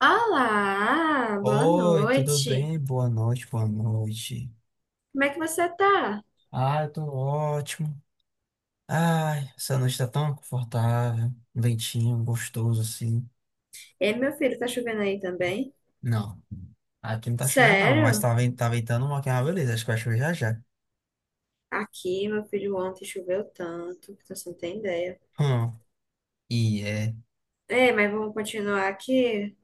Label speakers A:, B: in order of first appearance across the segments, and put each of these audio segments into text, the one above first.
A: Olá, boa
B: Oi, tudo
A: noite.
B: bem? Boa noite, boa noite.
A: Como é que você tá?
B: Ah, eu tô ótimo. Ai, essa noite tá tão confortável, um ventinho gostoso assim.
A: Ei, meu filho, tá chovendo aí também?
B: Não, aqui não tá chovendo não, mas
A: Sério?
B: tá, tá ventando uma que é uma beleza, acho que vai chover já já.
A: Aqui, meu filho, ontem choveu tanto que você não tem ideia.
B: Hum, e é,
A: Ei, mas vamos continuar aqui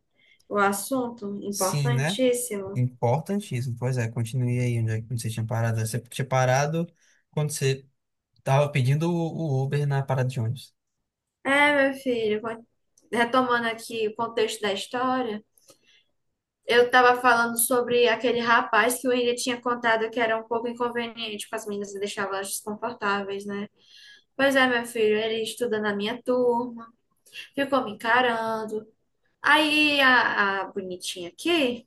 A: o assunto
B: sim, né?
A: importantíssimo.
B: Importantíssimo. Pois é, continue aí onde, onde você tinha parado. Você tinha parado quando você tava pedindo o Uber na parada de ônibus.
A: É, meu filho, retomando aqui o contexto da história, eu tava falando sobre aquele rapaz que o William tinha contado que era um pouco inconveniente com as meninas e deixava elas desconfortáveis, né? Pois é, meu filho, ele estuda na minha turma. Ficou me encarando. Aí a bonitinha aqui,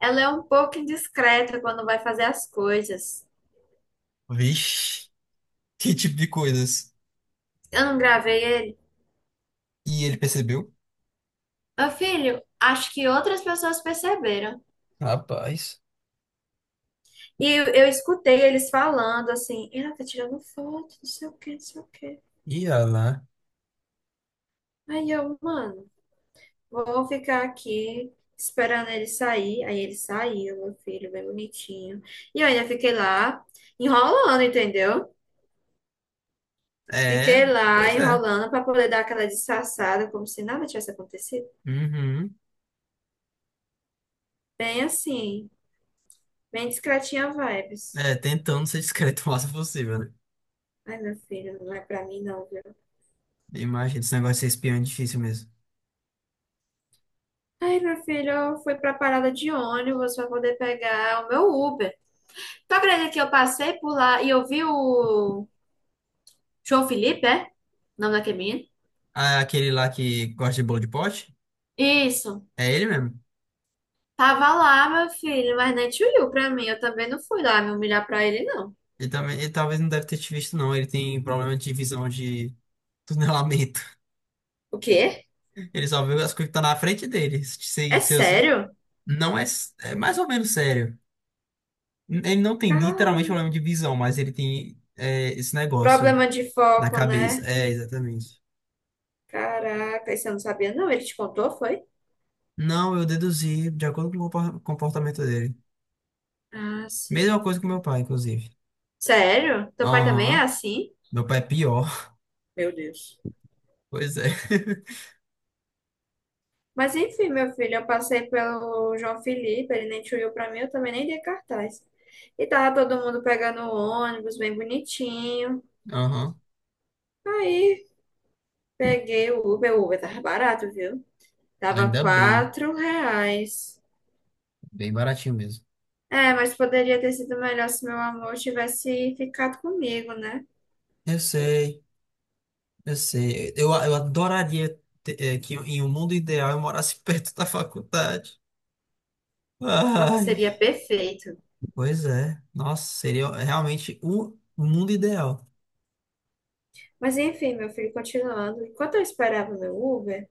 A: ela é um pouco indiscreta quando vai fazer as coisas.
B: Vixe, que tipo de coisas.
A: Eu não gravei ele.
B: E ele percebeu?
A: Meu filho, acho que outras pessoas perceberam.
B: Rapaz.
A: E eu escutei eles falando assim, ela tá tirando foto, não sei o que, não sei o que.
B: Ia lá.
A: Aí eu, mano, vou ficar aqui esperando ele sair. Aí ele saiu, meu filho, bem bonitinho. E eu ainda fiquei lá enrolando, entendeu?
B: É,
A: Fiquei lá
B: pois é.
A: enrolando para poder dar aquela disfarçada, como se nada tivesse acontecido.
B: Uhum.
A: Bem assim, bem discretinha vibes.
B: É, tentando ser discreto o máximo possível, né?
A: Ai, meu filho, não é pra mim não, viu?
B: Imagina, esse negócio de ser espião é difícil mesmo.
A: Ai, meu filho, eu fui pra parada de ônibus pra poder pegar o meu Uber. Tu acredita que eu passei por lá e eu vi o João Felipe, é? O nome daquele menino?
B: Ah, aquele lá que gosta de bolo de pote?
A: Isso.
B: É ele mesmo.
A: Tava lá, meu filho, mas nem te olhou pra mim. Eu também não fui lá me humilhar pra ele, não.
B: Ele também, ele talvez não deve ter te visto, não. Ele tem um problema de visão de tunelamento.
A: O quê?
B: Ele só vê as coisas que estão na frente dele.
A: É sério?
B: Não é, é mais ou menos sério. Ele não tem literalmente
A: Cara,
B: problema de visão, mas ele tem esse negócio
A: problema de
B: na
A: foco,
B: cabeça.
A: né?
B: É, exatamente.
A: Caraca, isso eu não sabia, não. Ele te contou, foi?
B: Não, eu deduzi de acordo com o comportamento dele.
A: Ah, sim.
B: Mesma coisa com meu pai, inclusive.
A: Sério? Teu pai também é
B: Aham.
A: assim?
B: Meu pai é pior.
A: Meu Deus.
B: Pois é.
A: Mas enfim, meu filho, eu passei pelo João Felipe, ele nem te olhou pra mim, eu também nem dei cartaz. E tava todo mundo pegando o ônibus, bem bonitinho.
B: Aham.
A: Aí peguei o Uber tava barato, viu? Tava
B: Ainda bem.
A: R$ 4.
B: Bem baratinho mesmo.
A: É, mas poderia ter sido melhor se meu amor tivesse ficado comigo, né?
B: Eu sei, eu sei. Eu adoraria ter, que em um mundo ideal eu morasse perto da faculdade.
A: Nossa,
B: Ai.
A: seria perfeito.
B: Pois é. Nossa, seria realmente o mundo ideal.
A: Mas enfim, meu filho, continuando. Enquanto eu esperava o meu Uber,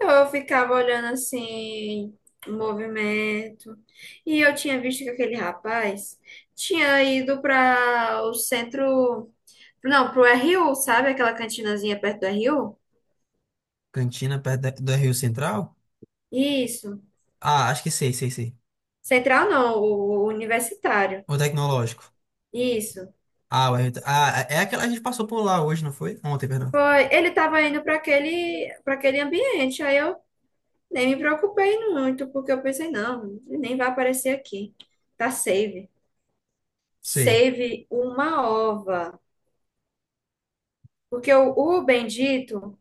A: eu ficava olhando assim, o movimento. E eu tinha visto que aquele rapaz tinha ido para o centro, não, pro RU, sabe? Aquela cantinazinha perto do RU?
B: Cantina perto do Rio Central?
A: Isso.
B: Ah, acho que sei, sei, sei.
A: Central não, o universitário.
B: O tecnológico.
A: Isso.
B: Ah, o Everton. Ah, é aquela a gente passou por lá hoje, não foi? Ontem, perdão.
A: Foi, ele estava indo para aquele ambiente. Aí eu nem me preocupei muito, porque eu pensei, não, ele nem vai aparecer aqui. Tá safe.
B: Sei.
A: Save uma ova. Porque o bendito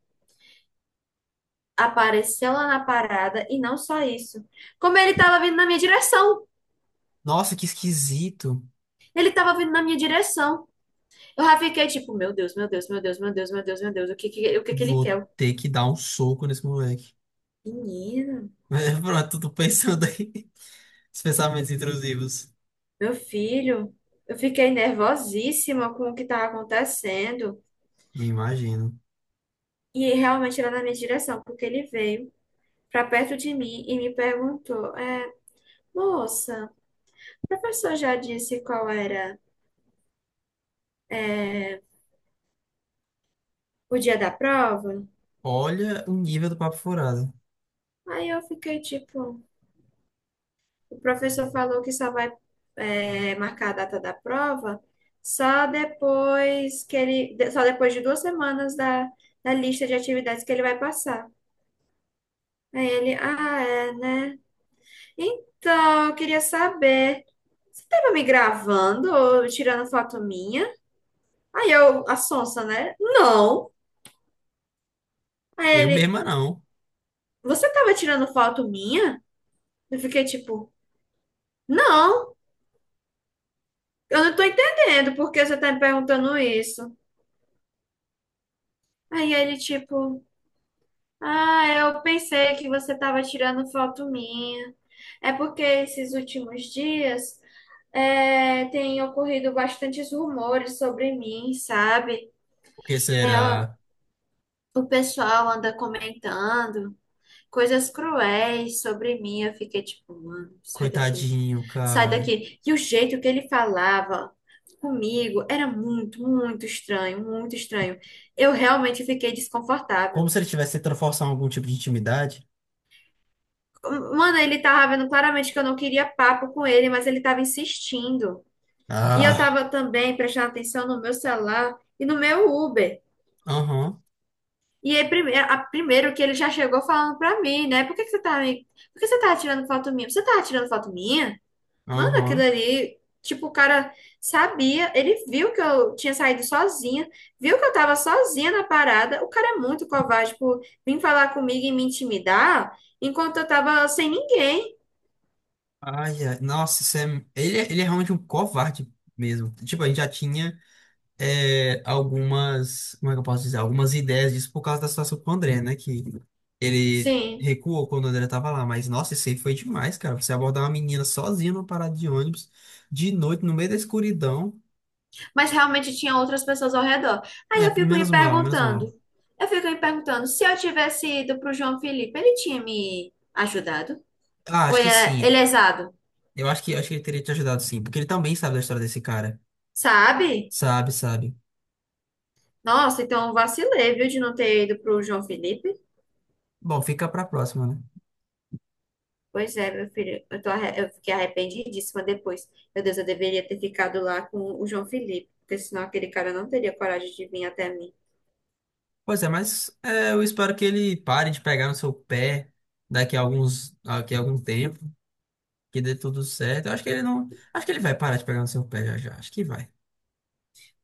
A: apareceu lá na parada e não só isso. Como ele tava vindo na minha direção.
B: Nossa, que esquisito.
A: Ele tava vindo na minha direção. Eu já fiquei tipo, meu Deus, meu Deus, meu Deus, meu Deus, meu Deus, meu Deus. O que que ele
B: Vou
A: quer?
B: ter que dar um soco nesse moleque.
A: Menina,
B: Mas pronto, tô pensando aí. Os pensamentos intrusivos.
A: meu filho. Eu fiquei nervosíssima com o que tava acontecendo.
B: Me imagino.
A: E realmente era na minha direção, porque ele veio pra perto de mim e me perguntou, moça, o professor já disse qual era o dia da prova.
B: Olha o nível do papo furado.
A: Aí eu fiquei tipo, o professor falou que só vai marcar a data da prova só depois que ele, só depois de 2 semanas da, da lista de atividades que ele vai passar. Aí ele, ah, é, né? Então, eu queria saber, você tava me gravando ou tirando foto minha? Aí eu, a sonsa, né? Não. Aí
B: Eu
A: ele,
B: mesma não.
A: você tava tirando foto minha? Eu fiquei tipo, não. Eu não tô entendendo por que você tá me perguntando isso. Aí ele, tipo, ah, eu pensei que você tava tirando foto minha. É porque esses últimos dias tem ocorrido bastantes rumores sobre mim, sabe?
B: Porque
A: É, o
B: será?
A: o pessoal anda comentando coisas cruéis sobre mim. Eu fiquei tipo, mano, sai daqui,
B: Coitadinho,
A: sai
B: cara.
A: daqui. E o jeito que ele falava comigo era muito estranho, muito estranho. Eu realmente fiquei
B: Como
A: desconfortável.
B: se ele tivesse tentando forçar algum tipo de intimidade.
A: Mano, ele tava vendo claramente que eu não queria papo com ele, mas ele tava insistindo. E eu
B: Ah,
A: tava também prestando atenção no meu celular e no meu Uber.
B: aham,
A: E aí, primeiro, primeiro que ele já chegou falando pra mim, né? Por que que você tá, por que você tá tirando foto minha? Você tá tirando foto minha? Mano, aquilo
B: aham.
A: ali, tipo, o cara sabia, ele viu que eu tinha saído sozinha, viu que eu tava sozinha na parada. O cara é muito covarde por vir falar comigo e me intimidar enquanto eu tava sem ninguém.
B: Ai, ai. Nossa, isso é... Ele, ele é realmente um covarde mesmo. Tipo, a gente já tinha. É, algumas, como é que eu posso dizer, algumas ideias disso por causa da situação com o André, né? Que ele
A: Sim,
B: recuou quando o André tava lá, mas nossa, isso aí foi demais, cara. Você abordar uma menina sozinha numa parada de ônibus, de noite, no meio da escuridão.
A: mas realmente tinha outras pessoas ao redor. Aí eu
B: É,
A: fico me
B: menos mal, menos
A: perguntando,
B: mal.
A: eu fico me perguntando, se eu tivesse ido pro João Felipe, ele tinha me ajudado?
B: Ah,
A: Ou
B: acho
A: ele
B: que
A: é ele
B: sim.
A: é exado,
B: Eu acho acho que ele teria te ajudado sim, porque ele também sabe da história desse cara.
A: sabe?
B: Sabe, sabe.
A: Nossa, então eu vacilei, viu, de não ter ido pro João Felipe.
B: Bom, fica pra próxima, né?
A: Pois é, meu filho, eu fiquei arrependidíssima depois. Meu Deus, eu deveria ter ficado lá com o João Felipe, porque senão aquele cara não teria coragem de vir até mim.
B: Pois é, eu espero que ele pare de pegar no seu pé daqui a daqui a algum tempo. Que dê tudo certo. Eu acho que ele não. Acho que ele vai parar de pegar no seu pé já já. Acho que vai.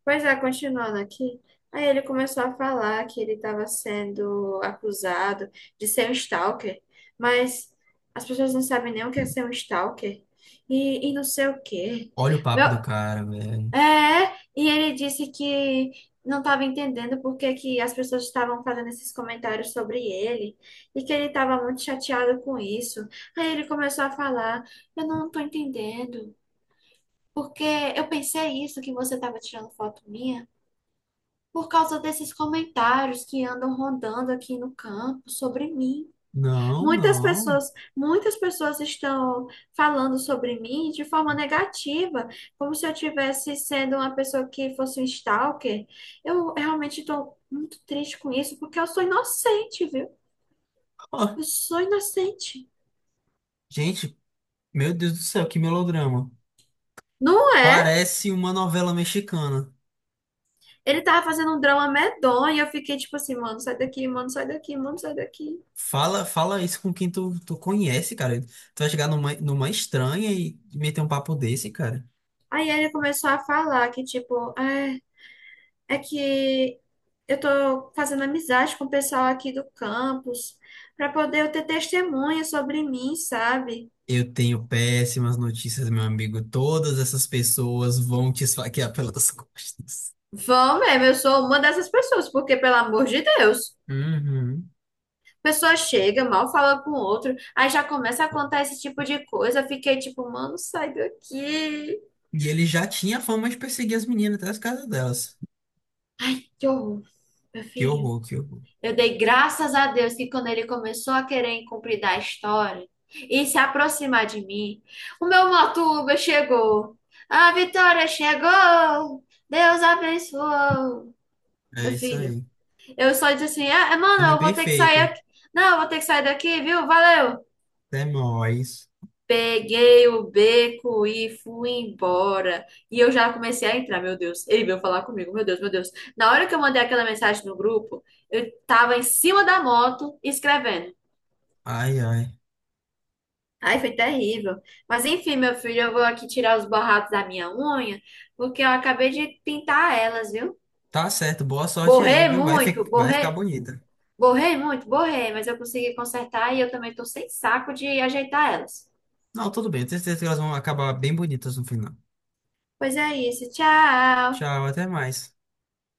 A: Pois é, continuando aqui, aí ele começou a falar que ele estava sendo acusado de ser um stalker, mas as pessoas não sabem nem o que é ser um stalker e não sei o quê.
B: Olha o
A: Meu
B: papo do cara, velho.
A: É, e ele disse que não estava entendendo por que que as pessoas estavam fazendo esses comentários sobre ele e que ele estava muito chateado com isso. Aí ele começou a falar: eu não estou entendendo, porque eu pensei isso que você estava tirando foto minha por causa desses comentários que andam rondando aqui no campo sobre mim.
B: Não,
A: Muitas
B: não.
A: pessoas, muitas pessoas estão falando sobre mim de forma negativa, como se eu tivesse sendo uma pessoa que fosse um stalker. Eu realmente estou muito triste com isso, porque eu sou inocente, viu?
B: Ó,
A: Eu sou inocente.
B: gente, meu Deus do céu, que melodrama.
A: Não é?
B: Parece uma novela mexicana.
A: Ele tava fazendo um drama medonho, e eu fiquei tipo assim, mano, sai daqui, mano, sai daqui, mano, sai daqui.
B: Fala, fala isso com quem tu conhece, cara. Tu vai chegar numa estranha e meter um papo desse, cara.
A: Aí ele começou a falar que, tipo, é que eu estou fazendo amizade com o pessoal aqui do campus para poder eu ter testemunha sobre mim, sabe?
B: Eu tenho péssimas notícias, meu amigo. Todas essas pessoas vão te esfaquear pelas costas.
A: Vão mesmo, eu sou uma dessas pessoas, porque, pelo amor de Deus,
B: Uhum.
A: a pessoa chega, mal fala com o outro, aí já começa a contar esse tipo de coisa. Eu fiquei tipo, mano, sai daqui.
B: E ele já tinha fama de perseguir as meninas até as casas delas.
A: Ai, que horror, meu
B: Que
A: filho.
B: horror, que horror.
A: Eu dei graças a Deus que quando ele começou a querer incumpridar a história e se aproximar de mim, o meu motuba chegou. A vitória chegou. Deus abençoou.
B: É
A: Meu
B: isso
A: filho,
B: aí.
A: eu só disse assim: mano,
B: Caminho
A: eu vou ter que sair
B: perfeito.
A: aqui. Não, eu vou ter que sair daqui, viu? Valeu.
B: Até mais.
A: Peguei o beco e fui embora. E eu já comecei a entrar, meu Deus. Ele veio falar comigo, meu Deus, meu Deus. Na hora que eu mandei aquela mensagem no grupo, eu tava em cima da moto escrevendo.
B: Ai, ai.
A: Ai, foi terrível. Mas enfim, meu filho, eu vou aqui tirar os borrados da minha unha, porque eu acabei de pintar elas, viu?
B: Tá certo, boa sorte aí,
A: Borrei
B: viu?
A: muito,
B: Vai ficar
A: borrei,
B: bonita.
A: borrei muito, borrei, mas eu consegui consertar e eu também tô sem saco de ajeitar elas.
B: Não, tudo bem, eu tenho certeza que elas vão acabar bem bonitas no final.
A: Pois é isso, tchau!
B: Tchau, até mais.